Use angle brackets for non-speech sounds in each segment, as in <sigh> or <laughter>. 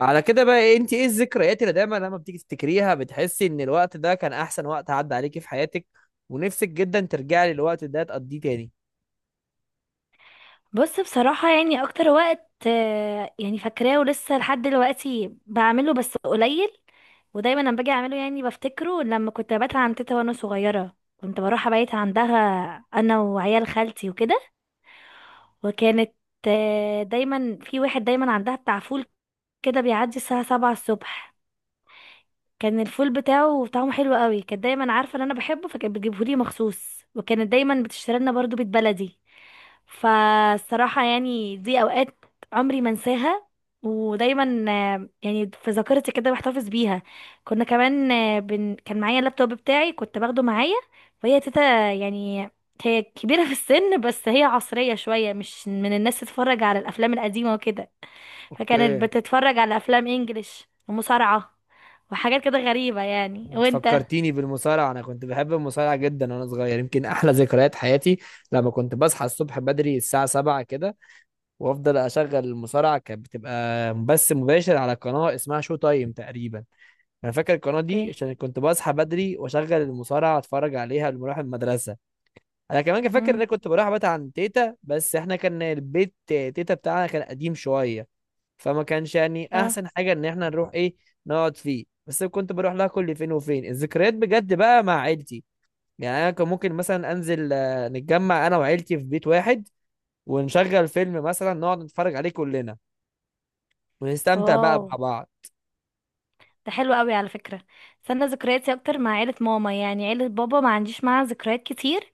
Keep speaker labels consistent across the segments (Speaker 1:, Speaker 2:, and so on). Speaker 1: على كده بقى إيه، انت ايه الذكريات اللي دايما لما بتيجي تفتكريها بتحسي ان الوقت ده كان احسن وقت عدى عليكي في حياتك ونفسك جدا ترجعي للوقت ده تقضيه تاني؟
Speaker 2: بص، بصراحة يعني أكتر وقت، يعني فاكراه ولسه لحد دلوقتي بعمله بس قليل. ودايما لما باجي أعمله يعني بفتكره لما كنت ببات عند تيتا وأنا صغيرة، كنت بروح أبيت عندها أنا وعيال خالتي وكده. وكانت دايما في واحد دايما عندها بتاع فول كده بيعدي الساعة سبعة الصبح. كان الفول بتاعه طعمه حلو قوي، كانت دايما عارفة إن أنا بحبه فكانت بتجيبهولي مخصوص، وكانت دايما بتشتري لنا برضه بيت بلدي. فالصراحة يعني دي أوقات عمري ما انساها، ودايما يعني في ذاكرتي كده بحتفظ بيها. كنا كمان، كان معايا اللابتوب بتاعي، كنت باخده معايا. وهي تيتا يعني، هي كبيرة في السن بس هي عصرية شوية، مش من الناس تتفرج على الأفلام القديمة وكده، فكانت
Speaker 1: اوكي.
Speaker 2: بتتفرج على أفلام إنجليش ومصارعة وحاجات كده غريبة يعني.
Speaker 1: انت
Speaker 2: وانت؟
Speaker 1: فكرتيني بالمصارعه، انا كنت بحب المصارعه جدا وانا صغير. يمكن احلى ذكريات حياتي لما كنت بصحى الصبح بدري الساعه 7 كده وافضل اشغل المصارعه. كانت بتبقى بث مباشر على قناه اسمها شو تايم تقريبا. انا فاكر القناه دي
Speaker 2: اوكي.
Speaker 1: عشان كنت بصحى بدري واشغل المصارعه اتفرج عليها قبل ما اروح المدرسه. انا كمان كان فاكر ان
Speaker 2: امم.
Speaker 1: انا كنت بروح ابات عند تيتا، بس احنا كان البيت تيتا بتاعنا كان قديم شويه، فما كانش يعني
Speaker 2: اه.
Speaker 1: احسن حاجه ان احنا نروح ايه نقعد فيه، بس كنت بروح لها كل فين وفين. الذكريات بجد بقى مع عيلتي، يعني انا كان ممكن مثلا انزل، نتجمع انا وعيلتي في بيت واحد، ونشغل فيلم مثلا نقعد نتفرج عليه كلنا، ونستمتع بقى
Speaker 2: واو،
Speaker 1: مع بعض.
Speaker 2: ده حلو قوي على فكرة. بس انا ذكرياتي اكتر مع عيلة ماما، يعني عيلة بابا ما عنديش معاها ذكريات كتير.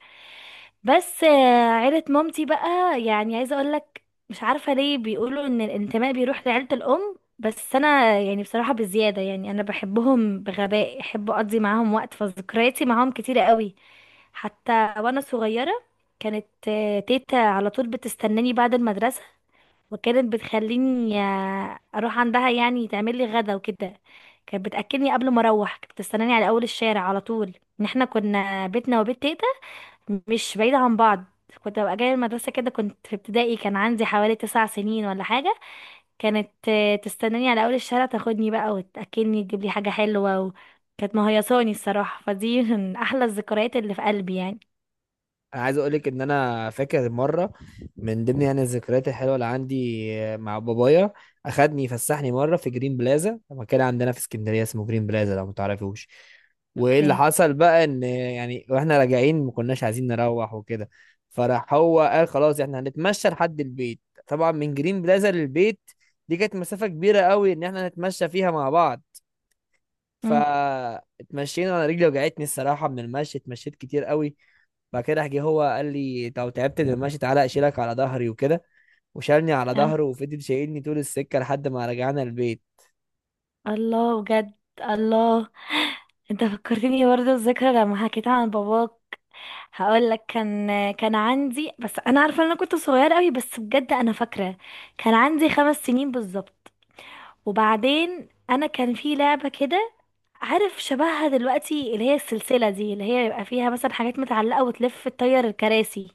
Speaker 2: بس عيلة مامتي بقى يعني عايزة اقولك، مش عارفة ليه بيقولوا ان الانتماء بيروح لعيلة الام، بس انا يعني بصراحة بزيادة، يعني انا بحبهم بغباء، احب اقضي معاهم وقت، فذكرياتي معاهم كتيرة قوي. حتى وانا صغيرة، كانت تيتا على طول بتستناني بعد المدرسة، وكانت بتخليني اروح عندها يعني تعمل لي غدا وكده. كانت بتاكلني قبل ما اروح، كانت بتستناني على اول الشارع على طول. ان احنا كنا بيتنا وبيت تيتا مش بعيده عن بعض. كنت ببقى جايه المدرسه كده، كنت في ابتدائي، كان عندي حوالي تسع سنين ولا حاجه، كانت تستناني على اول الشارع، تاخدني بقى وتاكلني، تجيب لي حاجه حلوه كانت مهيصاني الصراحه. فدي من احلى الذكريات اللي في قلبي يعني.
Speaker 1: انا عايز اقولك ان انا فاكر مره، من ضمن يعني الذكريات الحلوه اللي عندي مع بابايا، اخدني يفسحني مره في جرين بلازا، مكان عندنا في اسكندريه اسمه جرين بلازا لو متعرفوش. وايه
Speaker 2: اوكي.
Speaker 1: اللي حصل بقى ان يعني واحنا راجعين ما كناش عايزين نروح وكده، فراح هو قال خلاص احنا هنتمشى لحد البيت. طبعا من جرين بلازا للبيت دي كانت مسافه كبيره قوي ان احنا نتمشى فيها مع بعض.
Speaker 2: امم.
Speaker 1: فاتمشينا، انا رجلي وجعتني الصراحه من المشي، اتمشيت كتير قوي. بعد كده راح جه هو قال لي لو تعبت من المشي تعالى اشيلك على ظهري وكده، وشالني على
Speaker 2: اه.
Speaker 1: ظهره وفضل شايلني طول السكه لحد ما رجعنا البيت.
Speaker 2: الله، بجد. الله. انت فكرتني برضه الذكرى لما حكيت عن باباك. هقول لك، كان عندي، بس انا عارفه ان انا كنت صغيره قوي، بس بجد انا فاكره. كان عندي خمس سنين بالظبط. وبعدين انا كان في لعبه كده، عارف شبهها دلوقتي، اللي هي السلسله دي اللي هي يبقى فيها مثلا حاجات متعلقه وتلف تطير الكراسي،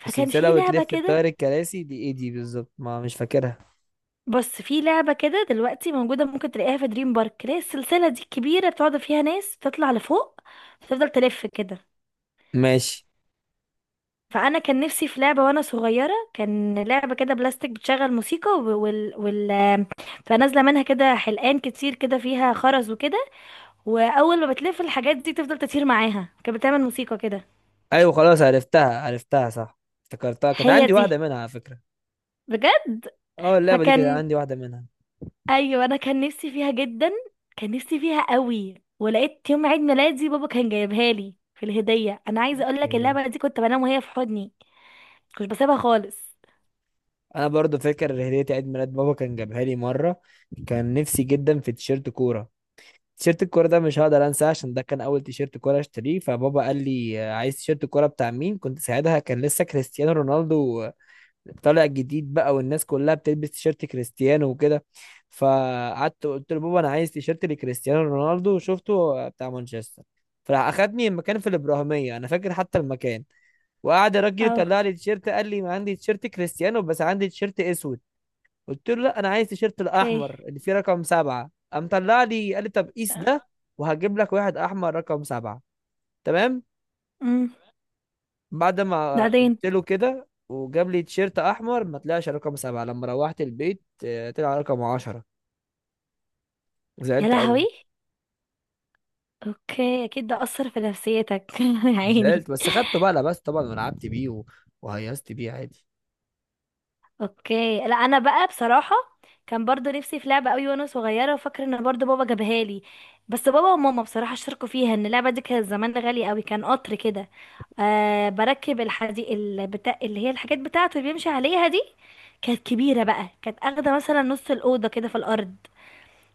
Speaker 2: فكان
Speaker 1: السلسله
Speaker 2: في لعبه
Speaker 1: وتلف
Speaker 2: كده.
Speaker 1: الطير الكراسي دي ايه دي بالظبط؟ ما مش فاكرها.
Speaker 2: بص، في لعبه كده دلوقتي موجوده، ممكن تلاقيها في دريم بارك، اللي هي السلسله دي الكبيره بتقعد فيها ناس تطلع لفوق وتفضل تلف كده.
Speaker 1: ماشي.
Speaker 2: فانا كان نفسي في لعبه وانا صغيره، كان لعبه كده بلاستيك بتشغل موسيقى، و- وال وال فنازله منها كده حلقان كتير كده فيها خرز وكده، واول ما بتلف الحاجات دي تفضل تطير معاها، كانت بتعمل موسيقى كده.
Speaker 1: ايوه خلاص عرفتها صح، افتكرتها. كانت
Speaker 2: هي
Speaker 1: عندي
Speaker 2: دي،
Speaker 1: واحده منها على فكره.
Speaker 2: بجد.
Speaker 1: اه اللعبه دي كانت
Speaker 2: فكان،
Speaker 1: عندي واحده منها.
Speaker 2: ايوه انا كان نفسي فيها جدا، كان نفسي فيها قوي. ولقيت يوم عيد ميلادي بابا كان جايبها لي في الهديه. انا عايزه اقول لك،
Speaker 1: اوكي.
Speaker 2: اللعبه دي كنت بنام وهي في حضني، كنت بسيبها خالص.
Speaker 1: انا برضو فاكر هديه عيد ميلاد بابا كان جابها لي مره. كان نفسي جدا في تيشيرت كوره. تيشيرت الكورة ده مش هقدر انساه عشان ده كان اول تيشيرت كورة اشتريه. فبابا قال لي عايز تيشيرت الكورة بتاع مين؟ كنت ساعتها كان لسه كريستيانو رونالدو طالع جديد بقى، والناس كلها بتلبس تيشيرت كريستيانو وكده. فقعدت قلت له بابا انا عايز تيشيرت لكريستيانو رونالدو، وشفته بتاع مانشستر. فراح اخدني المكان في الابراهيمية، انا فاكر حتى المكان، وقعد الراجل يطلع
Speaker 2: اه.
Speaker 1: لي تيشيرت قال لي ما عندي تيشيرت كريستيانو بس عندي تيشيرت اسود. قلت له لا انا عايز تيشيرت
Speaker 2: اوكي.
Speaker 1: الاحمر اللي فيه رقم سبعة. قام طلع لي قال لي طب قيس ده وهجيب لك واحد احمر رقم سبعة. تمام.
Speaker 2: امم.
Speaker 1: بعد ما
Speaker 2: بعدين؟
Speaker 1: قلت له كده وجاب لي تيشيرت احمر، ما طلعش رقم سبعة. لما روحت البيت طلع رقم عشرة.
Speaker 2: يا
Speaker 1: زعلت قوي.
Speaker 2: لهوي. اوكي، اكيد ده اثر في نفسيتك <laughs> يا عيني.
Speaker 1: زعلت بس خدته بقى، لبست طبعا ولعبت بيه وهيصت بيه عادي.
Speaker 2: اوكي. لا، انا بقى بصراحه كان برضو نفسي في لعبه قوي وانا صغيره، وفاكره ان برضو بابا جابها لي. بس بابا وماما بصراحه شاركوا فيها، ان اللعبه دي كانت زمان غاليه قوي. كان قطر كده، آه، بركب الحديد البتاع، اللي هي الحاجات بتاعته اللي بيمشي عليها دي، كانت كبيره بقى، كانت اخده مثلا نص الاوضه كده في الارض،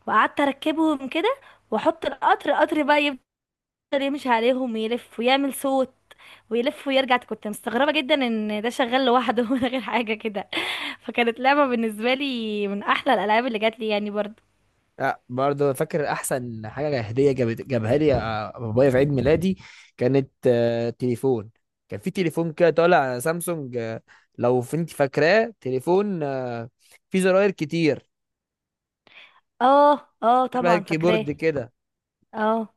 Speaker 2: وقعدت اركبهم كده، واحط القطر بقى يفضل يمشي عليهم ويلف ويعمل صوت ويلف ويرجع. كنت مستغربة جدا ان ده شغال لوحده <laughs> من غير حاجة كده. فكانت لعبة بالنسبة لي من احلى الالعاب اللي جات لي يعني برضو.
Speaker 1: لا برضه فاكر احسن حاجه هديه جابها لي بابايا في عيد ميلادي. كانت تليفون. كان في تليفون كده طالع، سامسونج، انت فاكراه؟ تليفون فيه زراير كتير،
Speaker 2: اه، اه،
Speaker 1: شبه
Speaker 2: طبعا فاكراه.
Speaker 1: الكيبورد كده.
Speaker 2: اه.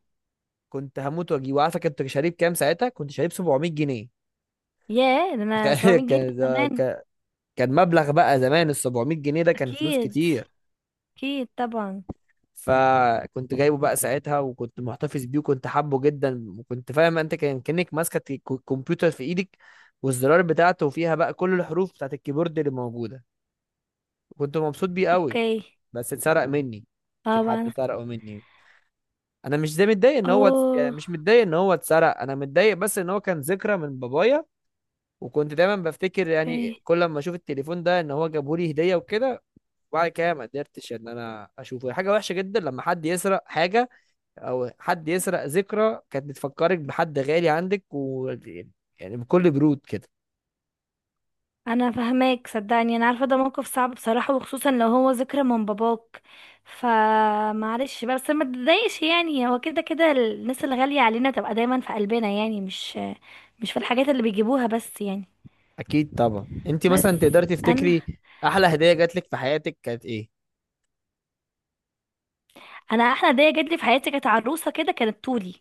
Speaker 1: كنت هموت واجيبه. عارفه كنت شاريه بكام؟ ساعتها كنت شاريه ب 700 جنيه.
Speaker 2: ياه، ده
Speaker 1: <laughs>
Speaker 2: انا
Speaker 1: تخيل
Speaker 2: 700 جنيه ده
Speaker 1: كان ده-
Speaker 2: زمان.
Speaker 1: كان كان مبلغ بقى زمان. ال 700 جنيه ده كان فلوس
Speaker 2: اكيد.
Speaker 1: كتير.
Speaker 2: اكيد طبعا.
Speaker 1: فكنت جايبه بقى ساعتها وكنت محتفظ بيه وكنت حابه جدا، وكنت فاهم انت كان كأنك ماسكة الكمبيوتر في ايدك، والزرار بتاعته فيها بقى كل الحروف بتاعت الكيبورد اللي موجودة. كنت مبسوط بيه قوي.
Speaker 2: اوكي.
Speaker 1: بس اتسرق مني، في حد
Speaker 2: طبعا.
Speaker 1: سرقه مني. انا مش زي متضايق ان هو يعني
Speaker 2: اوه.
Speaker 1: مش متضايق ان هو اتسرق، انا متضايق بس ان هو كان ذكرى من بابايا، وكنت دايما بفتكر يعني
Speaker 2: اوكي،
Speaker 1: كل ما اشوف التليفون ده ان هو جابهولي هدية وكده. وبعد كده ما قدرتش ان انا اشوفه. حاجة وحشة جدا لما حد يسرق حاجة، او حد يسرق ذكرى كانت بتفكرك بحد غالي عندك، و يعني بكل برود كده.
Speaker 2: انا فهماك، صدقني انا عارفه ده موقف صعب بصراحه، وخصوصا لو هو ذكرى من باباك. فمعلش بقى، بس ما تضايقش يعني، هو كده كده الناس الغاليه علينا تبقى دايما في قلبنا يعني، مش في الحاجات اللي بيجيبوها بس يعني.
Speaker 1: اكيد طبعا. انت مثلا
Speaker 2: بس
Speaker 1: تقدري
Speaker 2: انا
Speaker 1: تفتكري احلى هديه جات لك في حياتك كانت ايه؟
Speaker 2: انا احلى هديه جات لي في حياتي كانت عروسه كده، كانت طولي،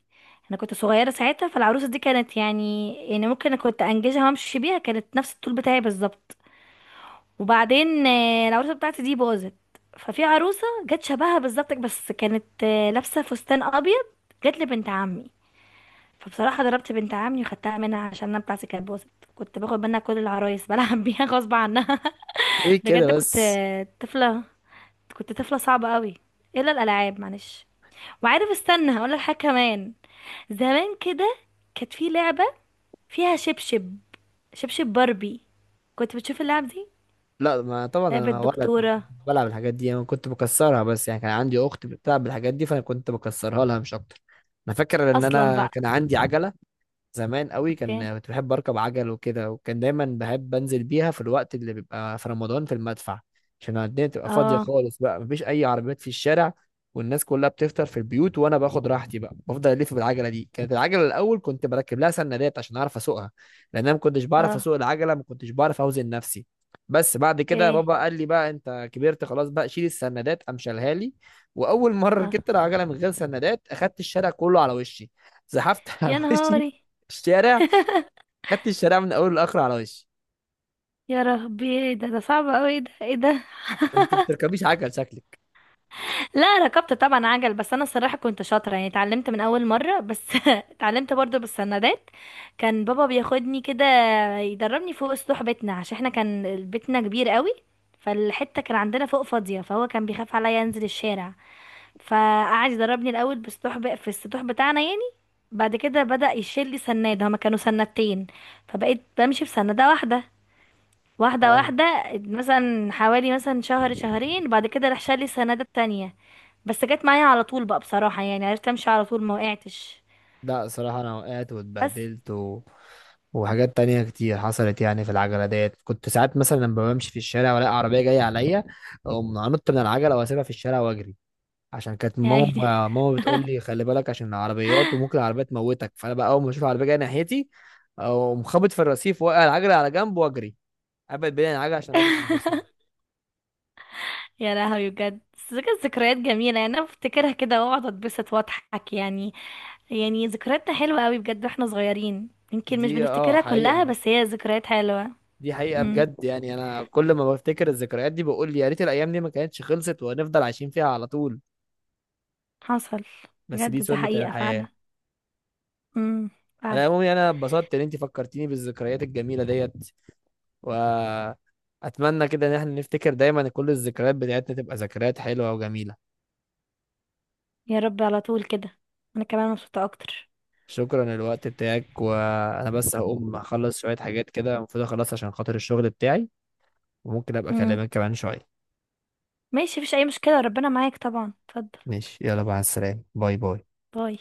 Speaker 2: انا كنت صغيره ساعتها، فالعروسه دي كانت يعني، يعني ممكن أنا كنت انجزها وامشي بيها، كانت نفس الطول بتاعي بالظبط. وبعدين العروسه بتاعتي دي باظت، ففي عروسه جت شبهها بالظبط بس كانت لابسه فستان ابيض، جت لبنت عمي. فبصراحه ضربت بنت عمي وخدتها منها، عشان انا بتاعتي كانت باظت، كنت باخد منها كل العرايس بلعب بيها <laughs> غصب عنها.
Speaker 1: ايه كده
Speaker 2: بجد كنت
Speaker 1: بس.
Speaker 2: طفله، كنت طفله صعبه قوي، الا الالعاب معلش. وعارف، استنى هقول لك حاجه كمان، زمان كده كانت في لعبه فيها شبشب باربي، كنت بتشوف اللعب دي،
Speaker 1: لا ما طبعا
Speaker 2: لعبه
Speaker 1: انا ولد ما
Speaker 2: دكتوره
Speaker 1: كنت بلعب الحاجات دي، انا كنت بكسرها، بس يعني كان عندي اخت بتلعب بالحاجات دي فانا كنت بكسرها لها مش اكتر. انا فاكر ان
Speaker 2: اصلا
Speaker 1: انا
Speaker 2: بقى.
Speaker 1: كان عندي عجله زمان قوي.
Speaker 2: اوكي.
Speaker 1: كان كنت بحب اركب عجل وكده، وكان دايما بحب انزل بيها في الوقت اللي بيبقى في رمضان في المدفع، عشان الدنيا تبقى فاضيه
Speaker 2: اه.
Speaker 1: خالص بقى مفيش اي عربيات في الشارع والناس كلها بتفطر في البيوت، وانا باخد راحتي بقى بفضل الف بالعجله دي. كانت العجله الاول كنت بركب لها سندات عشان اعرف اسوقها، لان انا ما كنتش بعرف
Speaker 2: اه.
Speaker 1: اسوق العجله، ما كنتش بعرف اوزن نفسي. بس بعد كده
Speaker 2: اوكي.
Speaker 1: بابا قال لي بقى انت كبرت خلاص بقى شيل السندات، قام شالها لي. واول مره ركبت
Speaker 2: اه.
Speaker 1: العجله من غير سندات اخدت الشارع كله على وشي. زحفت <laughs> على
Speaker 2: يا
Speaker 1: وشي
Speaker 2: نهاري.
Speaker 1: الشارع،
Speaker 2: <laughs>
Speaker 1: خدت الشارع من اوله لاخره على وشي.
Speaker 2: يا ربي، ايه ده؟ ده صعب قوي. ايه ده، ايه ده؟
Speaker 1: انت
Speaker 2: <laughs>
Speaker 1: بتركبيش عجل شكلك؟
Speaker 2: لا، ركبت طبعا عجل، بس انا الصراحه كنت شاطره يعني، اتعلمت من اول مره، بس <laughs> اتعلمت برضو بالسندات. كان بابا بياخدني كده يدربني فوق سطوح بيتنا، عشان احنا كان بيتنا كبير قوي، فالحته كان عندنا فوق فاضيه، فهو كان بيخاف عليا انزل الشارع، فقعد يدربني الاول بالسطوح في السطوح بتاعنا يعني. بعد كده بدأ يشيل لي سناد، هما كانوا سنادتين، فبقيت بمشي في سنادة واحدة، واحدة
Speaker 1: اه.
Speaker 2: واحدة، مثلا حوالي مثلا شهر شهرين، بعد كده راح شال لي السنادة التانية، بس جت معايا على طول بقى بصراحة، يعني عرفت امشي على طول ما وقعتش.
Speaker 1: لا صراحة أنا وقعت
Speaker 2: بس
Speaker 1: واتبهدلت، و... وحاجات تانية كتير حصلت يعني في العجلة ديت. كنت ساعات مثلا لما بمشي في الشارع وألاقي عربية جاية عليا أقوم أنط من العجلة وأسيبها في الشارع وأجري، عشان كانت
Speaker 2: يعني
Speaker 1: ماما بتقول لي خلي بالك عشان العربيات
Speaker 2: <laughs>
Speaker 1: وممكن العربية تموتك. فأنا بقى أول ما أشوف عربية جاية ناحيتي أقوم خابط في الرصيف وأوقع العجلة على جنب وأجري أبعد بين العجلة عشان الراجل ما يدوسني.
Speaker 2: يا لهوي، بجد، بس كانت ذكريات جميلة يعني، انا بفتكرها كده واقعد اتبسط واضحك يعني. يعني ذكرياتنا حلوة قوي بجد واحنا صغيرين، يمكن مش
Speaker 1: دي أه
Speaker 2: بنفتكرها كلها،
Speaker 1: حقيقة،
Speaker 2: بس هي ذكريات حلوة.
Speaker 1: دي حقيقة
Speaker 2: امم.
Speaker 1: بجد. يعني أنا كل ما بفتكر الذكريات دي بقول يا ريت الأيام دي ما كانتش خلصت وهنفضل عايشين فيها على طول.
Speaker 2: حصل.
Speaker 1: بس دي
Speaker 2: بجد دي
Speaker 1: سنة
Speaker 2: حقيقة فعلا.
Speaker 1: الحياة.
Speaker 2: امم.
Speaker 1: على
Speaker 2: فعلا.
Speaker 1: العموم يعني أنا اتبسطت إن أنت فكرتيني بالذكريات الجميلة ديت، وأتمنى كده إن إحنا نفتكر دايما كل الذكريات بتاعتنا تبقى ذكريات حلوة وجميلة.
Speaker 2: يا رب على طول كده. انا كمان مبسوطة اكتر.
Speaker 1: شكرا للوقت بتاعك، وأنا بس هقوم أخلص شوية حاجات كده المفروض أخلص عشان خاطر الشغل بتاعي، وممكن أبقى
Speaker 2: امم.
Speaker 1: أكلمك كمان شوية.
Speaker 2: ماشي، مفيش اي مشكلة، ربنا معاك طبعا، اتفضل.
Speaker 1: ماشي، يلا، مع السلامة، باي باي.
Speaker 2: باي.